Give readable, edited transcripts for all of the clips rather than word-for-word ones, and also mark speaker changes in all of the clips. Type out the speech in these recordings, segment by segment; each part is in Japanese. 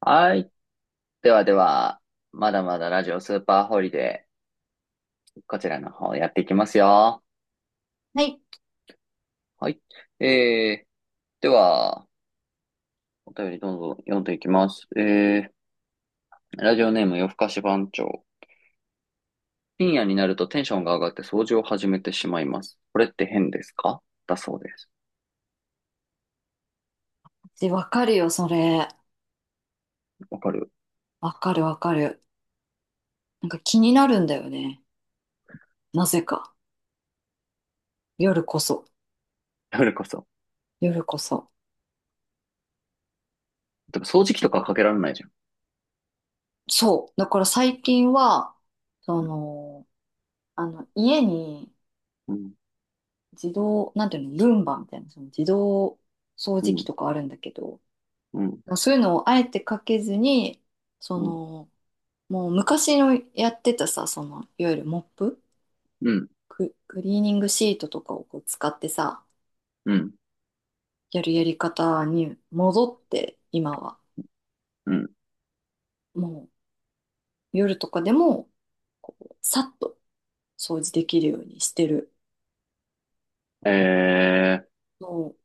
Speaker 1: はい。ではでは、まだまだラジオスーパーホリデー、こちらの方やっていきますよ。
Speaker 2: はい。
Speaker 1: はい。えー、では、お便りどんどん読んでいきます。ラジオネーム夜更かし番長。深夜になるとテンションが上がって掃除を始めてしまいます。これって変ですか、だそうです。
Speaker 2: で、わかるよ、それ。
Speaker 1: わかる。
Speaker 2: わかるわかる。なんか気になるんだよね。なぜか。夜こそ。
Speaker 1: それこそ。
Speaker 2: 夜こそ。
Speaker 1: でも掃除機と
Speaker 2: なん
Speaker 1: かか
Speaker 2: か、
Speaker 1: けられないじゃん。
Speaker 2: そう。だから最近は、その、家に
Speaker 1: うん、
Speaker 2: 自動、なんていうの、ルンバみたいな、その自動掃
Speaker 1: う
Speaker 2: 除機
Speaker 1: ん、
Speaker 2: とかあるんだけど、
Speaker 1: うん、
Speaker 2: そういうのをあえてかけずに、そ
Speaker 1: うん、
Speaker 2: の、もう昔のやってたさ、その、いわゆるモップ、
Speaker 1: うん、
Speaker 2: クリーニングシートとかをこう使ってさ、
Speaker 1: うん、
Speaker 2: やるやり方に戻って、今は。
Speaker 1: うん。
Speaker 2: もう夜とかでも、さっと掃除できるようにしてる。
Speaker 1: え
Speaker 2: もう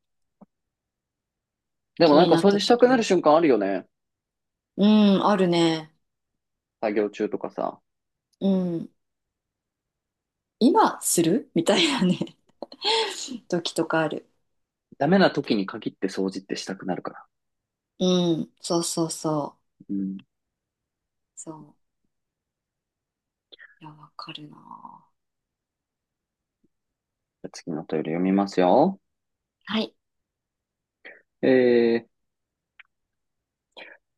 Speaker 1: でも
Speaker 2: 気
Speaker 1: なん
Speaker 2: に
Speaker 1: か
Speaker 2: なっ
Speaker 1: 掃除
Speaker 2: た
Speaker 1: したく
Speaker 2: 時
Speaker 1: なる
Speaker 2: に。
Speaker 1: 瞬間あるよね。
Speaker 2: うん、あるね。
Speaker 1: 作業中とかさ。
Speaker 2: うん。今する みたいなね 時とかある。
Speaker 1: ダメな時に限って掃除ってしたくなるから。
Speaker 2: うん、そうそうそう。
Speaker 1: うん。じ
Speaker 2: そう。いや、わかるな。
Speaker 1: ゃあ次のトイレ読みますよ。
Speaker 2: はい。
Speaker 1: えー、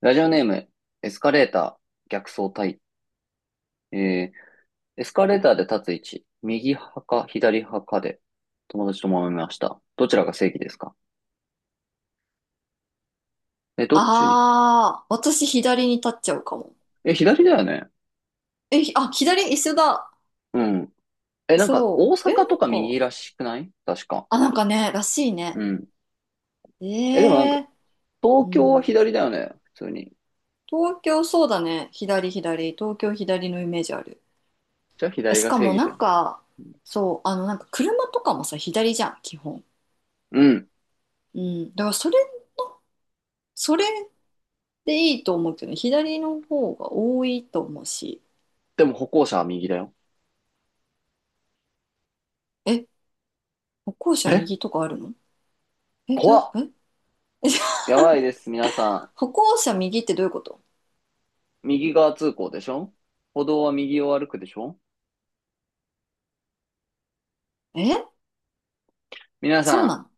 Speaker 1: ラジオネーム、エスカレーター、逆走隊。えー、エスカレーターで立つ位置、右派か左派かで、友達と揉めました。どちらが正義ですか？え、どっち。
Speaker 2: ああ、私左に立っちゃうかも。
Speaker 1: え、左だよね。
Speaker 2: え、ひあ、左一緒だ。
Speaker 1: うん。え、なんか、
Speaker 2: そ
Speaker 1: 大
Speaker 2: う。え、なん
Speaker 1: 阪とか右
Speaker 2: か、
Speaker 1: らしくない、確か。
Speaker 2: あ、なんかね、らしい
Speaker 1: う
Speaker 2: ね。
Speaker 1: ん。え、でもなんか、
Speaker 2: ええ、う
Speaker 1: 東京は
Speaker 2: ん。
Speaker 1: 左だよね。普通に。
Speaker 2: 東京そうだね。左左。東京左のイメージある。
Speaker 1: じゃあ左
Speaker 2: し
Speaker 1: が
Speaker 2: か
Speaker 1: 正
Speaker 2: も
Speaker 1: 義
Speaker 2: な
Speaker 1: だ
Speaker 2: ん
Speaker 1: よ。
Speaker 2: か、そう、あのなんか車とかもさ、左じゃん、基本。
Speaker 1: うん。
Speaker 2: うん。だからそれ、それでいいと思うけどね、左の方が多いと思うし。
Speaker 1: でも歩行者は右だよ。
Speaker 2: え、歩行者
Speaker 1: え、
Speaker 2: 右とかあるの？え、ど
Speaker 1: 怖
Speaker 2: う、
Speaker 1: っ。
Speaker 2: え、
Speaker 1: やばいです、皆さん。
Speaker 2: 歩行者右ってどういうこと？
Speaker 1: 右側通行でしょ。歩道は右を歩くでしょ。
Speaker 2: え、
Speaker 1: 皆
Speaker 2: そうな
Speaker 1: さ
Speaker 2: の？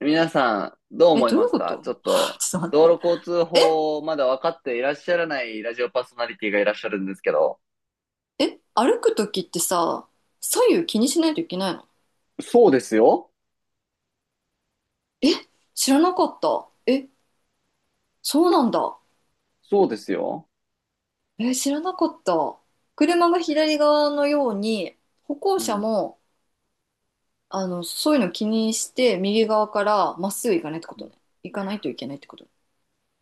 Speaker 1: ん、皆さん、どう
Speaker 2: え、
Speaker 1: 思い
Speaker 2: どうい
Speaker 1: ま
Speaker 2: う
Speaker 1: す
Speaker 2: こ
Speaker 1: か、
Speaker 2: と
Speaker 1: ちょっ と、
Speaker 2: ちょっと待っ
Speaker 1: 道
Speaker 2: て。
Speaker 1: 路交通
Speaker 2: え、
Speaker 1: 法をまだ分かっていらっしゃらないラジオパーソナリティがいらっしゃるんですけど。
Speaker 2: え、歩くときってさ、左右気にしないといけないの？
Speaker 1: そうですよ。
Speaker 2: え、知らなかった。え、そうなんだ。
Speaker 1: そうですよ。
Speaker 2: えー、知らなかった。車が左側のように、歩行
Speaker 1: う
Speaker 2: 者
Speaker 1: ん。
Speaker 2: も、あの、そういうの気にして、右側からまっすぐ行かないってことね。行かないといけないってこと。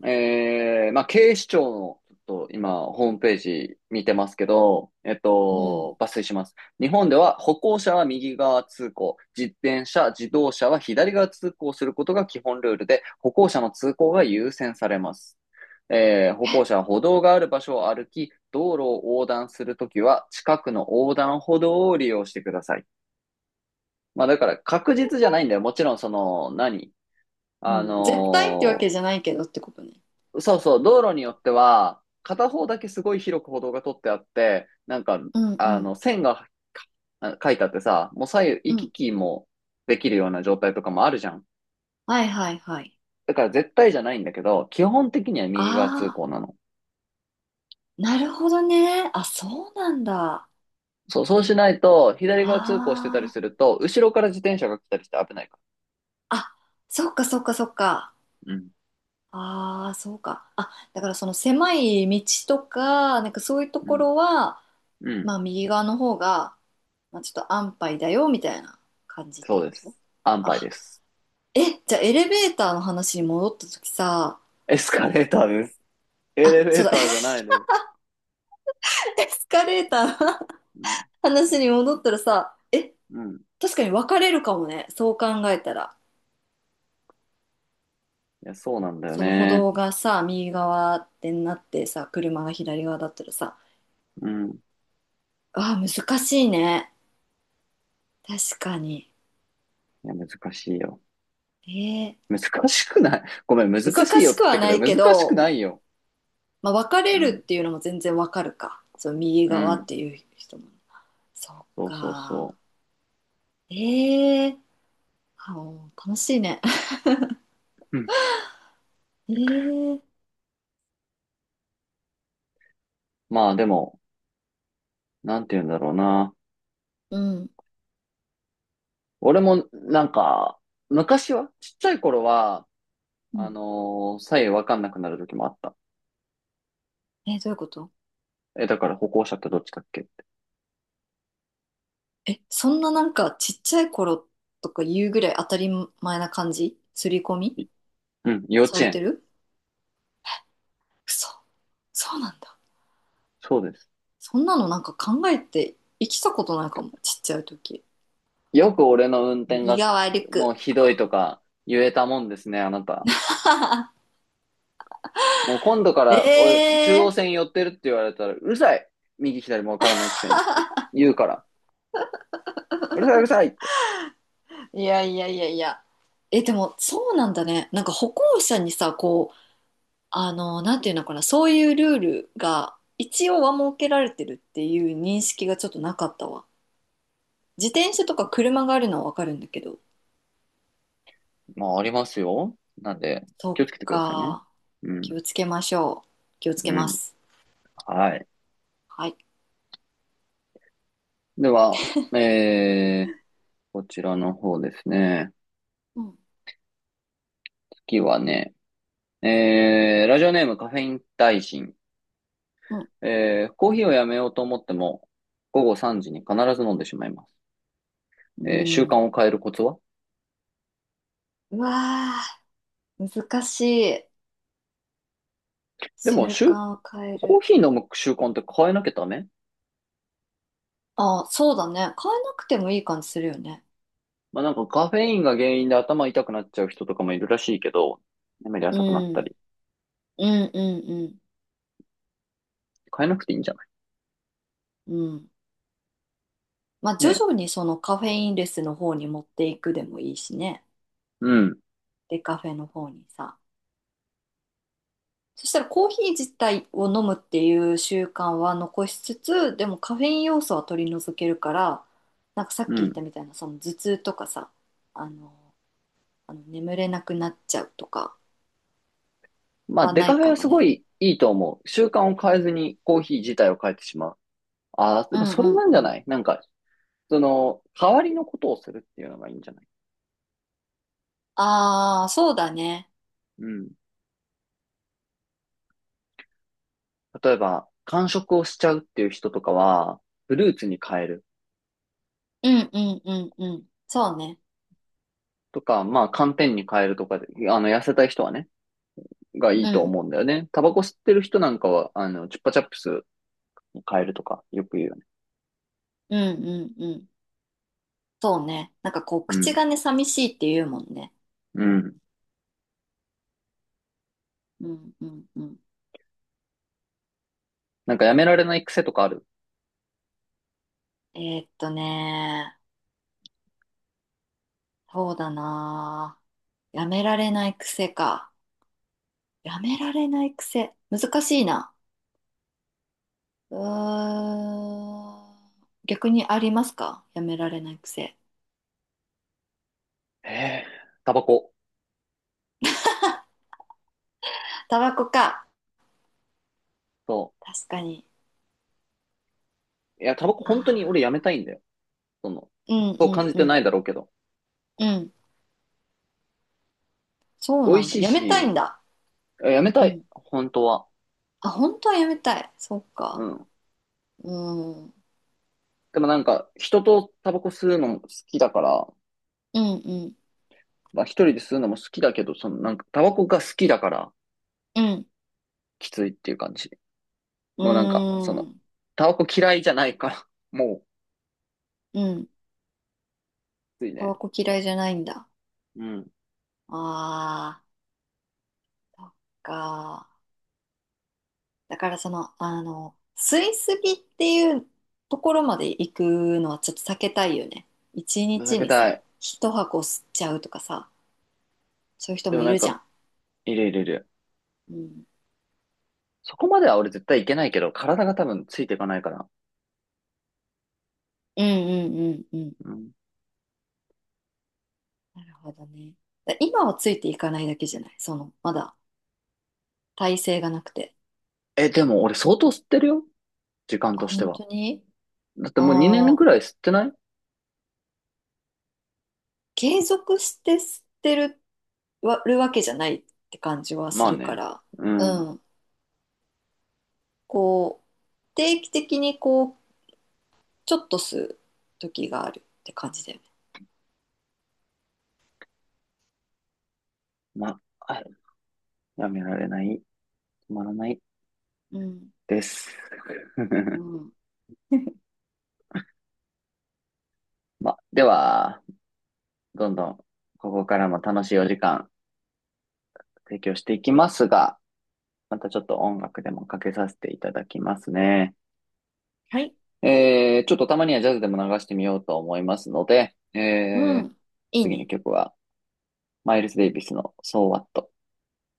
Speaker 1: まあ、警視庁の、ちょっと今、ホームページ見てますけど、えっ
Speaker 2: うん。
Speaker 1: と、抜粋します。日本では歩行者は右側通行、自転車、自動車は左側通行することが基本ルールで、歩行者の通行が優先されます。歩行者は歩道がある場所を歩き、道路を横断するときは、近くの横断歩道を利用してください。まあ、だから確実じゃないんだよ。もちろん、その、何、
Speaker 2: う
Speaker 1: あ
Speaker 2: ん。絶対ってわ
Speaker 1: の
Speaker 2: け
Speaker 1: ー
Speaker 2: じゃないけどってことね。
Speaker 1: そうそう、道路によっては、片方だけすごい広く歩道が取ってあって、なんか、
Speaker 2: うんう
Speaker 1: あの、
Speaker 2: ん
Speaker 1: 線が、あ、書いてあってさ、もう左右
Speaker 2: う
Speaker 1: 行き
Speaker 2: ん。
Speaker 1: 来もできるような状態とかもあるじゃん。
Speaker 2: はいはいはい。
Speaker 1: だから絶対じゃないんだけど、基本的には右側通
Speaker 2: ああ、
Speaker 1: 行なの。
Speaker 2: なるほどね。あ、そうなんだ。
Speaker 1: そう、そうしないと、左側通行してたり
Speaker 2: あ
Speaker 1: す
Speaker 2: あ。
Speaker 1: ると、後ろから自転車が来たりして危ないか
Speaker 2: あ、そっかそっかそっか。
Speaker 1: ら。うん、
Speaker 2: ああ、そうか。あ、だからその狭い道とか、なんかそういうと
Speaker 1: う
Speaker 2: こ
Speaker 1: ん、
Speaker 2: ろは、
Speaker 1: うん、
Speaker 2: まあ右側の方が、まあ、ちょっと安牌だよみたいな感じって
Speaker 1: そう
Speaker 2: こ
Speaker 1: で
Speaker 2: と？
Speaker 1: す。安牌
Speaker 2: あ、
Speaker 1: です。
Speaker 2: え、じゃあエレベーターの話に戻った時さ、
Speaker 1: エスカレーターです。エ
Speaker 2: あ、
Speaker 1: レベ
Speaker 2: そう
Speaker 1: ー
Speaker 2: だ、
Speaker 1: ターじゃ ないです。
Speaker 2: エスカレーターの
Speaker 1: うん、
Speaker 2: 話に戻ったらさ、え、
Speaker 1: うん。
Speaker 2: 確かに分かれるかもね、そう考えたら。
Speaker 1: いや、そうなんだよ
Speaker 2: その歩
Speaker 1: ね。
Speaker 2: 道がさ、右側ってなってさ、車が左側だったらさ、
Speaker 1: うん。
Speaker 2: あー、難しいね。確かに。
Speaker 1: いや、難しいよ。
Speaker 2: え
Speaker 1: 難しくない、ごめん、難
Speaker 2: ー、
Speaker 1: しい
Speaker 2: 難
Speaker 1: よ
Speaker 2: し
Speaker 1: っ
Speaker 2: く
Speaker 1: て
Speaker 2: は
Speaker 1: 言ったけ
Speaker 2: な
Speaker 1: ど、
Speaker 2: いけ
Speaker 1: 難しくな
Speaker 2: ど、
Speaker 1: いよ。
Speaker 2: まあ、分かれ
Speaker 1: う
Speaker 2: る
Speaker 1: ん、
Speaker 2: っていうのも全然分かるか。その右
Speaker 1: う
Speaker 2: 側っ
Speaker 1: ん。
Speaker 2: ていう人も。そっ
Speaker 1: そうそう
Speaker 2: か。
Speaker 1: そ
Speaker 2: ええ、はあ、楽しいね。
Speaker 1: う。うん。
Speaker 2: ええ、
Speaker 1: まあでも、なんて言うんだろうな。
Speaker 2: うん、
Speaker 1: 俺も、なんか、昔は、ちっちゃい頃は、
Speaker 2: うん。
Speaker 1: 左右わかんなくなる時もあった。
Speaker 2: え、どういうこと？
Speaker 1: え、だから歩行者ってどっちだっけって。
Speaker 2: え、そんななんかちっちゃい頃とか言うぐらい当たり前な感じ刷り込み
Speaker 1: い、うん、幼
Speaker 2: さ
Speaker 1: 稚
Speaker 2: れて
Speaker 1: 園。
Speaker 2: る？嘘。そうなんだ。
Speaker 1: そうです。
Speaker 2: そんなのなんか考えて生きたことないかも、ちっちゃい時。
Speaker 1: よく俺の運転
Speaker 2: 右
Speaker 1: が、
Speaker 2: 側歩
Speaker 1: もう
Speaker 2: く
Speaker 1: ひ
Speaker 2: と
Speaker 1: どい
Speaker 2: か。
Speaker 1: とか、言えたもんですね、あなた。もう今度から俺、中央
Speaker 2: ええ、
Speaker 1: 線寄ってるって言われたら、うるさい。右左もわからないくせにって言うから、うるさいうるさいって。
Speaker 2: いやいやいやいや。え、でもそうなんだね。なんか歩行者にさ、こう、あの、なんていうのかな、そういうルールが一応は設けられてるっていう認識がちょっとなかったわ。自転車とか車があるのはわかるんだけど。
Speaker 1: まあ、ありますよ。なんで、
Speaker 2: そっ
Speaker 1: 気をつけてくださいね。
Speaker 2: か。
Speaker 1: う
Speaker 2: 気
Speaker 1: ん、
Speaker 2: をつけましょう。気をつけ
Speaker 1: う
Speaker 2: ま
Speaker 1: ん、
Speaker 2: す。
Speaker 1: はい。
Speaker 2: はい。
Speaker 1: では、えー、こちらの方ですね。
Speaker 2: うん。
Speaker 1: 次はね、ラジオネームカフェイン大臣。
Speaker 2: うん。
Speaker 1: コーヒーをやめようと思っても、午後3時に必ず飲んでしまいます。
Speaker 2: う
Speaker 1: 習慣
Speaker 2: ん。
Speaker 1: を変えるコツは。
Speaker 2: うわー、難しい。
Speaker 1: でも、
Speaker 2: 習
Speaker 1: しゅ、
Speaker 2: 慣を変え
Speaker 1: コー
Speaker 2: る。
Speaker 1: ヒー飲む習慣って変えなきゃダメ？
Speaker 2: あ、そうだね。変えなくてもいい感じするよね。
Speaker 1: まあなんかカフェインが原因で頭痛くなっちゃう人とかもいるらしいけど、眠り
Speaker 2: う
Speaker 1: 浅くなった
Speaker 2: ん。
Speaker 1: り。
Speaker 2: うんうん
Speaker 1: 変えなくていいんじゃない？
Speaker 2: うん。うん。まあ、徐
Speaker 1: ね。
Speaker 2: 々にそのカフェインレスの方に持っていくでもいいしね。
Speaker 1: うん。
Speaker 2: で、カフェの方にさ。そしたらコーヒー自体を飲むっていう習慣は残しつつ、でもカフェイン要素は取り除けるから、なんかさっ
Speaker 1: う
Speaker 2: き言っ
Speaker 1: ん。
Speaker 2: たみたいな、その頭痛とかさ、あの、あの眠れなくなっちゃうとか
Speaker 1: まあ
Speaker 2: は
Speaker 1: デ
Speaker 2: な
Speaker 1: カ
Speaker 2: い
Speaker 1: フェ
Speaker 2: か
Speaker 1: は
Speaker 2: も
Speaker 1: すご
Speaker 2: ね。
Speaker 1: いいいと思う。習慣を変えずにコーヒー自体を変えてしまう。ああ、
Speaker 2: う
Speaker 1: でも
Speaker 2: ん
Speaker 1: そ
Speaker 2: う
Speaker 1: れ
Speaker 2: ん
Speaker 1: なんじ
Speaker 2: う
Speaker 1: ゃな
Speaker 2: ん。
Speaker 1: い、なんか、その、代わりのことをするっていうのがいいんじゃない？
Speaker 2: ああ、そうだね。
Speaker 1: うん。例えば、間食をしちゃうっていう人とかは、フルーツに変える
Speaker 2: うんうんうんうん。そうね。
Speaker 1: とか、まあ寒天に変えるとかで、あの、痩せたい人はね、がい
Speaker 2: う
Speaker 1: いと
Speaker 2: ん。
Speaker 1: 思うんだよね。タバコ吸ってる人なんかは、あの、チュッパチャップス変えるとか、よく言うよね。
Speaker 2: うんうんうん。そうね。なんかこう、
Speaker 1: う
Speaker 2: 口
Speaker 1: ん。
Speaker 2: がね、寂しいって言うもんね。
Speaker 1: うん。
Speaker 2: うんうんうん。
Speaker 1: なんかやめられない癖とかある？
Speaker 2: ね、そうだなぁ。やめられない癖か。やめられない癖。難しいな。うーん。逆にありますか？やめられない癖。
Speaker 1: えー、タバコ。
Speaker 2: タバコか。
Speaker 1: そ
Speaker 2: 確かに。
Speaker 1: う。いや、タバコ本当に俺や
Speaker 2: あ
Speaker 1: めたいんだよ。その、
Speaker 2: あ、うん
Speaker 1: そ
Speaker 2: う
Speaker 1: う感
Speaker 2: ん
Speaker 1: じ
Speaker 2: う
Speaker 1: てない
Speaker 2: ん。
Speaker 1: だろうけど。
Speaker 2: うん。そう
Speaker 1: 美
Speaker 2: な
Speaker 1: 味
Speaker 2: ん
Speaker 1: し
Speaker 2: だ。
Speaker 1: い
Speaker 2: やめたいん
Speaker 1: し、
Speaker 2: だ。
Speaker 1: いや、やめた
Speaker 2: う
Speaker 1: い。
Speaker 2: ん。
Speaker 1: 本当は。
Speaker 2: あ、本当はやめたい。そっ
Speaker 1: う
Speaker 2: か。
Speaker 1: ん。
Speaker 2: うん。
Speaker 1: でもなんか、人とタバコ吸うのも好きだから、
Speaker 2: うんうん
Speaker 1: まあ一人で吸うのも好きだけど、そのなんか、タバコが好きだから、
Speaker 2: うん。
Speaker 1: きついっていう感じ。
Speaker 2: う
Speaker 1: もうなんか、そ
Speaker 2: ー
Speaker 1: の、
Speaker 2: ん。
Speaker 1: タバコ嫌いじゃないから、もう、
Speaker 2: うん。
Speaker 1: きつい
Speaker 2: タバ
Speaker 1: ね。
Speaker 2: コ嫌いじゃないんだ。
Speaker 1: うん。
Speaker 2: ああ、そっか。だからその、あの、吸いすぎっていうところまで行くのはちょっと避けたいよね。一
Speaker 1: 情
Speaker 2: 日
Speaker 1: け
Speaker 2: に
Speaker 1: た
Speaker 2: さ、
Speaker 1: い。
Speaker 2: 一箱吸っちゃうとかさ、そういう人
Speaker 1: で
Speaker 2: も
Speaker 1: も
Speaker 2: い
Speaker 1: なん
Speaker 2: るじゃ
Speaker 1: か、
Speaker 2: ん。
Speaker 1: いるいるいる。
Speaker 2: うん。
Speaker 1: そこまでは俺絶対いけないけど、体が多分ついていかないから。
Speaker 2: うんうんうんうん。
Speaker 1: うん。
Speaker 2: なるほどね。だ今はついていかないだけじゃない？その、まだ体勢がなくて。
Speaker 1: え、でも俺相当吸ってるよ。時間
Speaker 2: あ、
Speaker 1: として
Speaker 2: 本
Speaker 1: は。
Speaker 2: 当に？
Speaker 1: だって
Speaker 2: あ
Speaker 1: もう2年
Speaker 2: あー、
Speaker 1: ぐらい吸ってない。
Speaker 2: 継続して吸ってるわ、るわけじゃないって感じは
Speaker 1: ま
Speaker 2: す
Speaker 1: あ
Speaker 2: るか
Speaker 1: ね。
Speaker 2: ら。
Speaker 1: うん。
Speaker 2: うん。こう、定期的にこう、ちょっと吸う時があるって感じだよね。
Speaker 1: まあ、あ、やめられない。止まらない。
Speaker 2: うん。
Speaker 1: です。
Speaker 2: う ん。
Speaker 1: まあ、では、どんどん、ここからも楽しいお時間提供していきますが、またちょっと音楽でもかけさせていただきますね。
Speaker 2: はい。
Speaker 1: ちょっとたまにはジャズでも流してみようと思いますので、
Speaker 2: うん。いい
Speaker 1: 次に
Speaker 2: ね。
Speaker 1: 曲は、マイルス・デイビスの So What